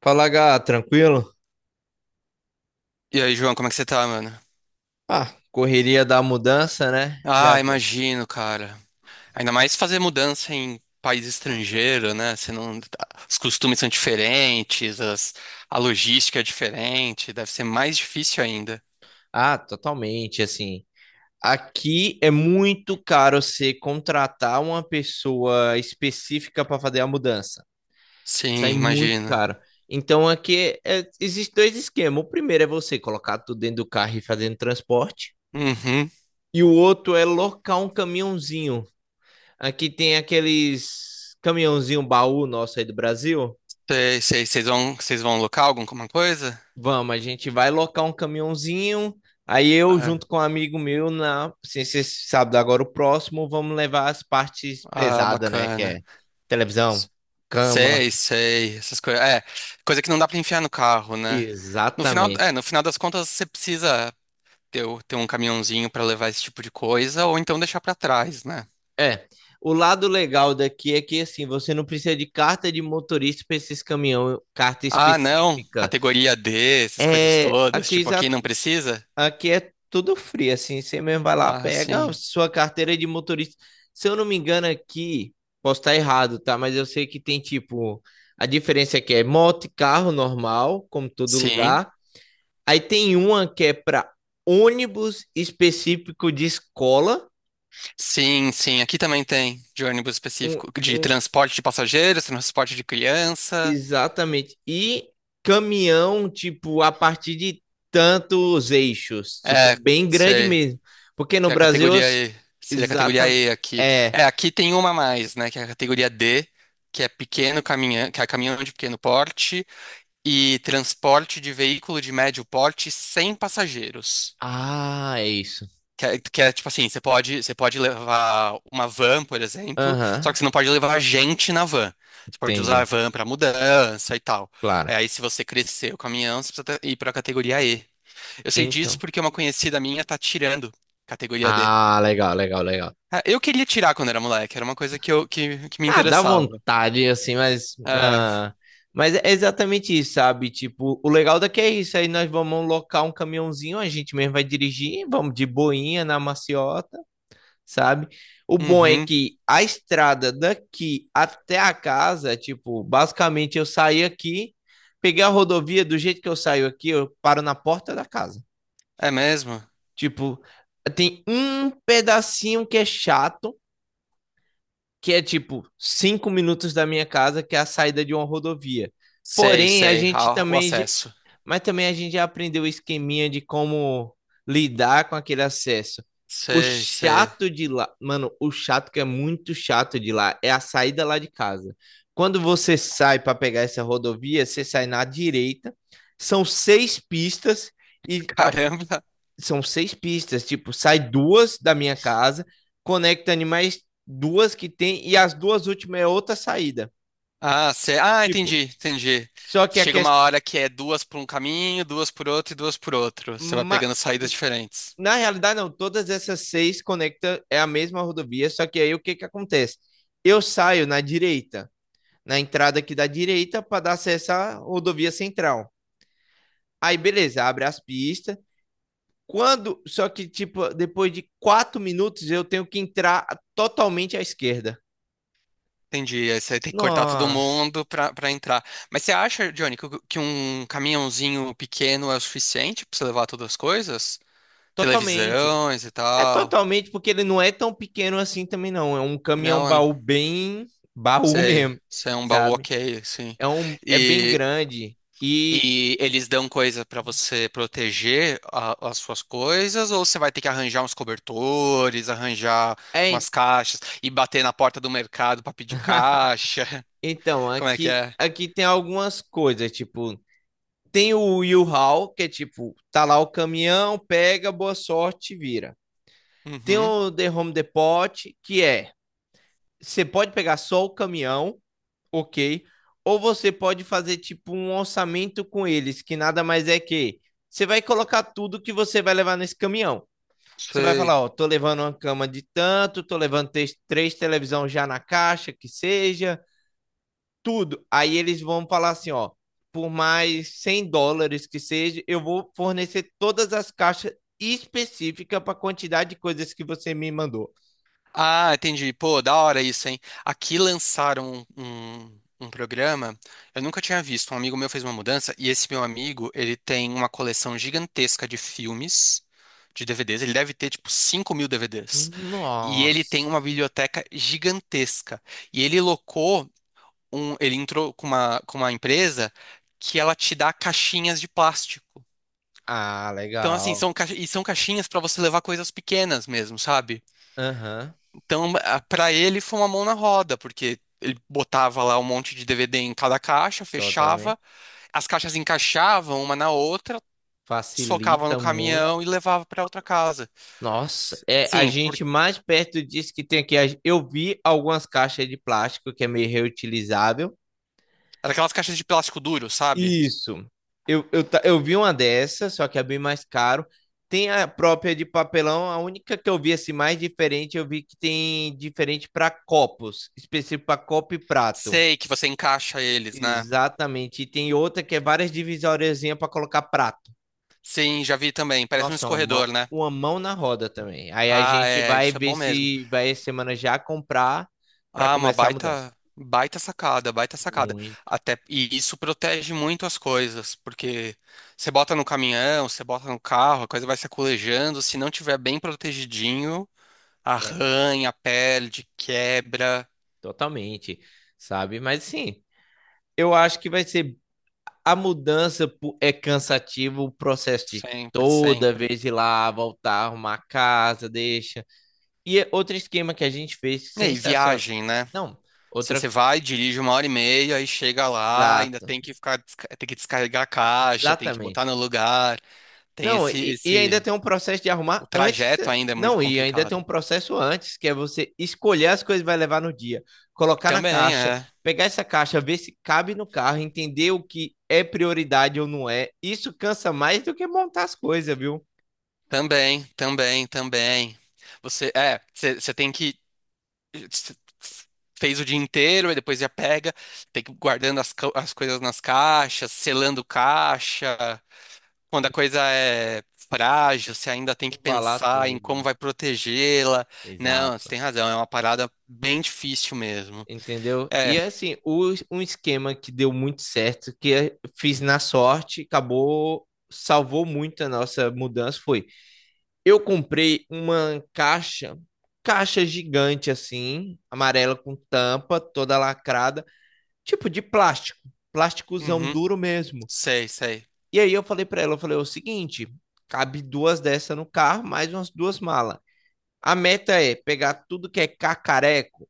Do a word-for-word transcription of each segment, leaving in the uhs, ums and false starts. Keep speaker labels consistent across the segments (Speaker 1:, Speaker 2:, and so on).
Speaker 1: Fala, Gá, tranquilo?
Speaker 2: E aí, João, como é que você tá, mano?
Speaker 1: Ah, correria da mudança, né? Já
Speaker 2: Ah,
Speaker 1: viu.
Speaker 2: imagino, cara. Ainda mais fazer mudança em país estrangeiro, né? Você não... Os costumes são diferentes, as- a logística é diferente, deve ser mais difícil ainda.
Speaker 1: Ah, totalmente, assim. Aqui é muito caro você contratar uma pessoa específica para fazer a mudança.
Speaker 2: Sim,
Speaker 1: Sai muito
Speaker 2: imagino.
Speaker 1: caro. Então aqui é, existem dois esquemas. O primeiro é você colocar tudo dentro do carro e fazendo transporte.
Speaker 2: Uhum.
Speaker 1: E o outro é locar um caminhãozinho. Aqui tem aqueles caminhãozinho baú nosso aí do Brasil.
Speaker 2: Sei, sei. Vocês vão, vocês vão alocar alguma coisa?
Speaker 1: Vamos, a gente vai locar um caminhãozinho. Aí eu,
Speaker 2: Ah,
Speaker 1: junto com um amigo meu, na ciência sábado agora o próximo, vamos levar as partes
Speaker 2: ah,
Speaker 1: pesadas, né? Que
Speaker 2: bacana.
Speaker 1: é televisão, cama.
Speaker 2: Sei, sei, essas coisas. É, coisa que não dá pra enfiar no carro, né? No final, é,
Speaker 1: Exatamente.
Speaker 2: no final das contas, você precisa ter, o- ter um caminhãozinho para levar esse tipo de coisa, ou então deixar para trás, né?
Speaker 1: É. O lado legal daqui é que assim, você não precisa de carta de motorista para esses caminhão, carta
Speaker 2: Ah, não,
Speaker 1: específica.
Speaker 2: categoria D, essas coisas
Speaker 1: É
Speaker 2: todas,
Speaker 1: aqui
Speaker 2: tipo, aqui
Speaker 1: at-
Speaker 2: não precisa?
Speaker 1: Aqui é tudo frio, assim. Você mesmo vai lá,
Speaker 2: Ah,
Speaker 1: pega a
Speaker 2: sim.
Speaker 1: sua carteira de motorista. Se eu não me engano aqui, posso estar errado, tá? Mas eu sei que tem tipo. A diferença aqui é moto e carro normal, como todo
Speaker 2: Sim,
Speaker 1: lugar. Aí tem uma que é para ônibus específico de escola.
Speaker 2: sim, sim, aqui também tem de ônibus
Speaker 1: Um,
Speaker 2: específico, de
Speaker 1: um-
Speaker 2: transporte de passageiros, transporte de criança,
Speaker 1: Exatamente. E caminhão, tipo, a partir de tantos eixos. Tipo,
Speaker 2: é,
Speaker 1: bem grande
Speaker 2: sei,
Speaker 1: mesmo. Porque no
Speaker 2: que é a
Speaker 1: Brasil, eu-
Speaker 2: categoria E, seria a categoria
Speaker 1: Exatamente.
Speaker 2: E aqui.
Speaker 1: É.
Speaker 2: É, aqui tem uma a mais, né, que é a categoria D, que é pequeno caminhão, que é caminhão de pequeno porte, e transporte de veículo de médio porte sem passageiros.
Speaker 1: Ah, é isso.
Speaker 2: Que é, que é, tipo assim, você pode, você pode levar uma van, por exemplo, só
Speaker 1: Aham,
Speaker 2: que você não pode levar gente na van. Você pode usar a
Speaker 1: entendi.
Speaker 2: van para mudança e tal. É,
Speaker 1: Claro.
Speaker 2: aí, se você crescer o caminhão, você precisa ir para a categoria E. Eu sei disso
Speaker 1: Então.
Speaker 2: porque uma conhecida minha tá tirando categoria D.
Speaker 1: Ah, legal, legal, legal.
Speaker 2: Ah, eu queria tirar quando era moleque, era uma coisa que, eu, que, que me
Speaker 1: Ah, dá
Speaker 2: interessava.
Speaker 1: vontade, assim, mas.
Speaker 2: É,
Speaker 1: Ah, mas é exatamente isso, sabe? Tipo, o legal daqui é isso. Aí nós vamos locar um caminhãozinho, a gente mesmo vai dirigir, vamos de boinha na maciota, sabe? O bom é
Speaker 2: uhum,
Speaker 1: que a estrada daqui até a casa, tipo, basicamente eu saí aqui, peguei a rodovia, do jeito que eu saio aqui, eu paro na porta da casa.
Speaker 2: é mesmo?
Speaker 1: Tipo, tem um pedacinho que é chato, que é tipo cinco minutos da minha casa, que é a saída de uma rodovia.
Speaker 2: Sei,
Speaker 1: Porém, a
Speaker 2: sei,
Speaker 1: gente
Speaker 2: ah, o
Speaker 1: também, j-
Speaker 2: acesso.
Speaker 1: mas também a gente já aprendeu o esqueminha de como lidar com aquele acesso. O
Speaker 2: Sei, sei.
Speaker 1: chato de lá, mano, o chato que é muito chato de lá é a saída lá de casa. Quando você sai para pegar essa rodovia, você sai na direita, são seis pistas e a
Speaker 2: Caramba.
Speaker 1: são seis pistas, tipo, sai duas da minha casa, conecta animais duas que tem, e as duas últimas é outra saída.
Speaker 2: Ah, cê... ah,
Speaker 1: Tipo,
Speaker 2: entendi, entendi.
Speaker 1: só que a
Speaker 2: Chega uma
Speaker 1: questão.
Speaker 2: hora que é duas por um caminho, duas por outro e duas por outro. Você vai pegando saídas diferentes.
Speaker 1: Na realidade, não, todas essas seis conectam, é a mesma rodovia, só que aí o que que acontece? Eu saio na direita, na entrada aqui da direita, para dar acesso à rodovia central. Aí, beleza, abre as pistas. Quando, só que, tipo, depois de quatro minutos, eu tenho que entrar totalmente à esquerda.
Speaker 2: Entendi. Aí você tem que cortar todo
Speaker 1: Nossa.
Speaker 2: mundo pra, pra entrar. Mas você acha, Johnny, que, que um caminhãozinho pequeno é o suficiente pra você levar todas as coisas?
Speaker 1: Totalmente.
Speaker 2: Televisões e
Speaker 1: É
Speaker 2: tal?
Speaker 1: totalmente porque ele não é tão pequeno assim também, não. É um caminhão
Speaker 2: Não,
Speaker 1: baú bem baú
Speaker 2: sei.
Speaker 1: mesmo,
Speaker 2: Isso é um baú
Speaker 1: sabe?
Speaker 2: ok, assim.
Speaker 1: É um é bem grande e
Speaker 2: E eles dão coisa pra você proteger a- as suas coisas, ou você vai ter que arranjar uns cobertores, arranjar
Speaker 1: é
Speaker 2: umas caixas e bater na porta do mercado pra pedir caixa?
Speaker 1: então
Speaker 2: Como é que
Speaker 1: aqui
Speaker 2: é?
Speaker 1: aqui tem algumas coisas, tipo, tem o U-Haul, que é tipo, tá lá o caminhão, pega, boa sorte, vira. Tem
Speaker 2: Uhum,
Speaker 1: o The Home Depot, que é, você pode pegar só o caminhão ok. Ou você pode fazer tipo um orçamento com eles, que nada mais é que você vai colocar tudo que você vai levar nesse caminhão. Você vai
Speaker 2: sei.
Speaker 1: falar, ó, tô levando uma cama de tanto, tô levando três, três televisão já na caixa, que seja, tudo. Aí eles vão falar assim, ó, por mais cem dólares que seja, eu vou fornecer todas as caixas específicas para a quantidade de coisas que você me mandou.
Speaker 2: Ah, entendi. Pô, da hora isso, hein? Aqui lançaram um, um um programa, eu nunca tinha visto. Um amigo meu fez uma mudança e esse meu amigo, ele tem uma coleção gigantesca de filmes, de D V Ds. Ele deve ter, tipo, cinco mil D V Ds. E ele tem uma
Speaker 1: Nossa.
Speaker 2: biblioteca gigantesca. E ele locou um, ele entrou com uma, com uma empresa que ela te dá caixinhas de plástico.
Speaker 1: Ah,
Speaker 2: Então, assim,
Speaker 1: legal.
Speaker 2: são, caixa- e são caixinhas para você levar coisas pequenas mesmo, sabe?
Speaker 1: Aham,
Speaker 2: Então, para ele foi uma mão na roda, porque ele botava lá um monte de D V D em cada caixa,
Speaker 1: totalmente.
Speaker 2: fechava, as caixas encaixavam uma na outra, socava no
Speaker 1: Facilita muito.
Speaker 2: caminhão e levava para outra casa.
Speaker 1: Nossa, é a
Speaker 2: Assim, por...
Speaker 1: gente mais perto disso que tem aqui. A- Eu vi algumas caixas de plástico que é meio reutilizável.
Speaker 2: era aquelas caixas de plástico duro, sabe?
Speaker 1: Isso. Eu, eu, ta- eu vi uma dessa, só que é bem mais caro. Tem a própria de papelão, a única que eu vi assim mais diferente, eu vi que tem diferente para copos, específico para copo e prato.
Speaker 2: Sei que você encaixa eles, né?
Speaker 1: Exatamente. E tem outra que é várias divisóriazinhas para colocar prato.
Speaker 2: Sim, já vi também, parece um
Speaker 1: Nossa, uma mão,
Speaker 2: escorredor, né?
Speaker 1: uma mão na roda também. Aí a
Speaker 2: Ah,
Speaker 1: gente
Speaker 2: é,
Speaker 1: vai
Speaker 2: isso é
Speaker 1: ver
Speaker 2: bom mesmo.
Speaker 1: se vai essa semana já comprar para
Speaker 2: Ah, uma
Speaker 1: começar a mudança.
Speaker 2: baita, baita sacada, baita sacada.
Speaker 1: Muito
Speaker 2: Até, e isso protege muito as coisas, porque você bota no caminhão, você bota no carro, a coisa vai se aculejando. Se não tiver bem protegidinho,
Speaker 1: quebra,
Speaker 2: arranha, perde, quebra,
Speaker 1: totalmente, sabe? Mas sim, eu acho que vai ser a mudança pu- é cansativo o processo de
Speaker 2: sempre,
Speaker 1: toda
Speaker 2: sempre.
Speaker 1: vez ir lá, voltar, arrumar a casa, deixa. E é outro esquema que a gente fez
Speaker 2: E aí,
Speaker 1: sensacional.
Speaker 2: viagem, né?
Speaker 1: Não,
Speaker 2: Assim,
Speaker 1: outra
Speaker 2: você vai, dirige uma hora e meia, aí chega lá, ainda
Speaker 1: exato,
Speaker 2: tem que ficar, desca- tem que descarregar a caixa, tem que botar no
Speaker 1: exatamente.
Speaker 2: lugar, tem
Speaker 1: Não,
Speaker 2: esse,
Speaker 1: e, e ainda
Speaker 2: esse,
Speaker 1: tem um processo de
Speaker 2: o
Speaker 1: arrumar antes.
Speaker 2: trajeto ainda é muito
Speaker 1: Não, e ainda tem um
Speaker 2: complicado.
Speaker 1: processo antes, que é você escolher as coisas que vai levar no dia, colocar na
Speaker 2: Também,
Speaker 1: caixa,
Speaker 2: é.
Speaker 1: pegar essa caixa, ver se cabe no carro, entender o que é prioridade ou não é. Isso cansa mais do que montar as coisas, viu?
Speaker 2: Também, também, também. Você, é, você você tem que você fez o dia inteiro e depois já pega, tem que ir guardando as, co- as coisas nas caixas, selando caixa. Quando a coisa é frágil, você ainda tem que
Speaker 1: Embalar
Speaker 2: pensar em
Speaker 1: tudo.
Speaker 2: como vai protegê-la. Não, você
Speaker 1: Exato.
Speaker 2: tem razão, é uma parada bem difícil mesmo.
Speaker 1: Entendeu?
Speaker 2: É,
Speaker 1: E é assim, o, um esquema que deu muito certo, que eu fiz na sorte, acabou, salvou muito a nossa mudança, foi. Eu comprei uma caixa, caixa gigante assim, amarela com tampa, toda lacrada, tipo de plástico, plásticozão
Speaker 2: uhum,
Speaker 1: duro mesmo.
Speaker 2: sei, sei.
Speaker 1: E aí eu falei pra ela, eu falei o seguinte, cabe duas dessas no carro, mais umas duas malas. A meta é pegar tudo que é cacareco,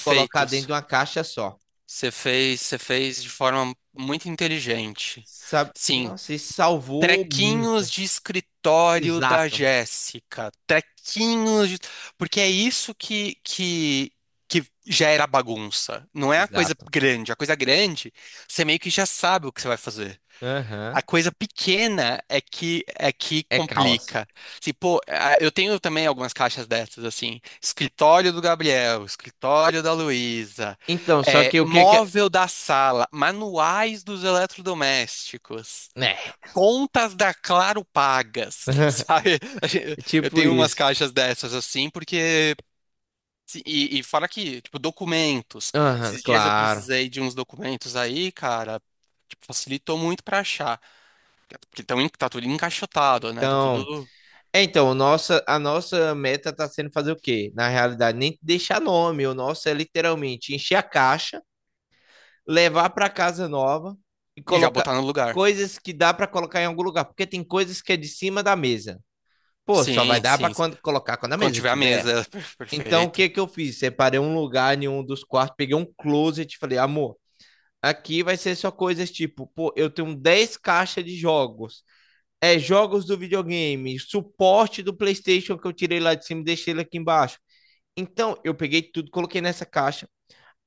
Speaker 1: colocar dentro de uma caixa só.
Speaker 2: Você fez, você fez de forma muito inteligente.
Speaker 1: Sabe?
Speaker 2: Sim,
Speaker 1: Nossa, isso salvou muito.
Speaker 2: trequinhos de escritório da
Speaker 1: Exato,
Speaker 2: Jéssica. Trequinhos de... Porque é isso que, que, que gera bagunça. Não é a coisa
Speaker 1: exato.
Speaker 2: grande. A coisa grande, você meio que já sabe o que você vai fazer.
Speaker 1: Aham.
Speaker 2: A coisa pequena é que é que
Speaker 1: É caos.
Speaker 2: complica. Se, pô, a- eu tenho também algumas caixas dessas, assim. Escritório do Gabriel, escritório da Luísa,
Speaker 1: Então, só
Speaker 2: é,
Speaker 1: que o que que é,
Speaker 2: móvel da sala, manuais dos eletrodomésticos.
Speaker 1: né?
Speaker 2: Contas da Claro pagas, sabe?
Speaker 1: É
Speaker 2: Eu
Speaker 1: tipo
Speaker 2: tenho umas
Speaker 1: isso.
Speaker 2: caixas dessas assim, porque se- E, e fora que, tipo, documentos.
Speaker 1: Aham,
Speaker 2: Esses dias eu
Speaker 1: claro.
Speaker 2: precisei de uns documentos aí, cara. Tipo, facilitou muito pra achar. Porque tão, en- tá tudo encaixotado, né? Tá
Speaker 1: Então,
Speaker 2: tudo.
Speaker 1: é, então, nossa, a nossa meta tá sendo fazer o quê? Na realidade, nem deixar nome. O nosso é literalmente encher a caixa, levar para casa nova e
Speaker 2: E já
Speaker 1: colocar
Speaker 2: botar no lugar.
Speaker 1: coisas que dá para colocar em algum lugar, porque tem coisas que é de cima da mesa. Pô, só vai
Speaker 2: Sim,
Speaker 1: dar para
Speaker 2: sim.
Speaker 1: quando colocar quando a
Speaker 2: Quando
Speaker 1: mesa
Speaker 2: tiver a
Speaker 1: tiver.
Speaker 2: mesa, per-
Speaker 1: Então, o
Speaker 2: perfeito.
Speaker 1: que que eu fiz? Separei um lugar em um dos quartos, peguei um closet e falei, amor, aqui vai ser só coisas tipo, pô, eu tenho dez caixas de jogos. É, jogos do videogame, suporte do PlayStation que eu tirei lá de cima e deixei ele aqui embaixo. Então, eu peguei tudo, coloquei nessa caixa,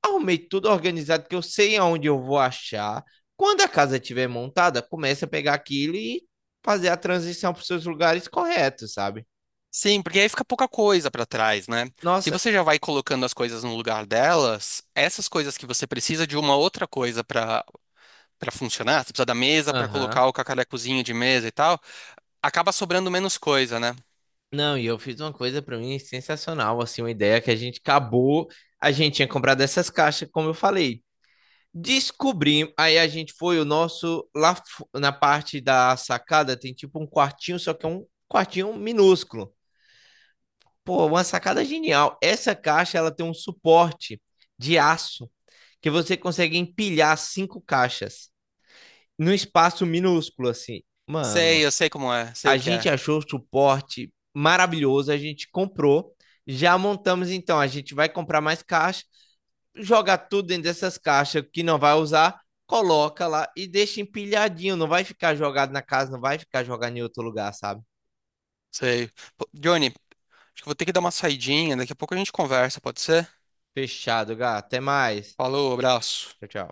Speaker 1: arrumei tudo organizado, que eu sei aonde eu vou achar. Quando a casa estiver montada, começa a pegar aquilo e fazer a transição para os seus lugares corretos, sabe?
Speaker 2: Sim, porque aí fica pouca coisa pra trás, né? Se
Speaker 1: Nossa,
Speaker 2: você já vai colocando as coisas no lugar delas, essas coisas que você precisa de uma outra coisa pra para funcionar, você precisa da mesa para
Speaker 1: aham.
Speaker 2: colocar o cacarecozinho de mesa e tal, acaba sobrando menos coisa, né?
Speaker 1: Não, e eu fiz uma coisa para mim sensacional, assim, uma ideia que a gente acabou, a gente tinha comprado essas caixas, como eu falei, descobrimos, aí a gente foi, o nosso, lá na parte da sacada tem tipo um quartinho, só que é um quartinho minúsculo. Pô, uma sacada genial. Essa caixa, ela tem um suporte de aço que você consegue empilhar cinco caixas num espaço minúsculo, assim.
Speaker 2: Sei,
Speaker 1: Mano,
Speaker 2: eu sei como é, sei
Speaker 1: a
Speaker 2: o que
Speaker 1: gente
Speaker 2: é,
Speaker 1: achou o suporte maravilhoso, a gente comprou, já montamos então, a gente vai comprar mais caixa jogar tudo dentro dessas caixas que não vai usar, coloca lá e deixa empilhadinho. Não vai ficar jogado na casa, não vai ficar jogado em outro lugar, sabe?
Speaker 2: sei. Pô, Johnny, acho que eu vou ter que dar uma saidinha, daqui a pouco a gente conversa, pode ser?
Speaker 1: Fechado, gato. Até mais.
Speaker 2: Falou, abraço.
Speaker 1: Tchau, tchau.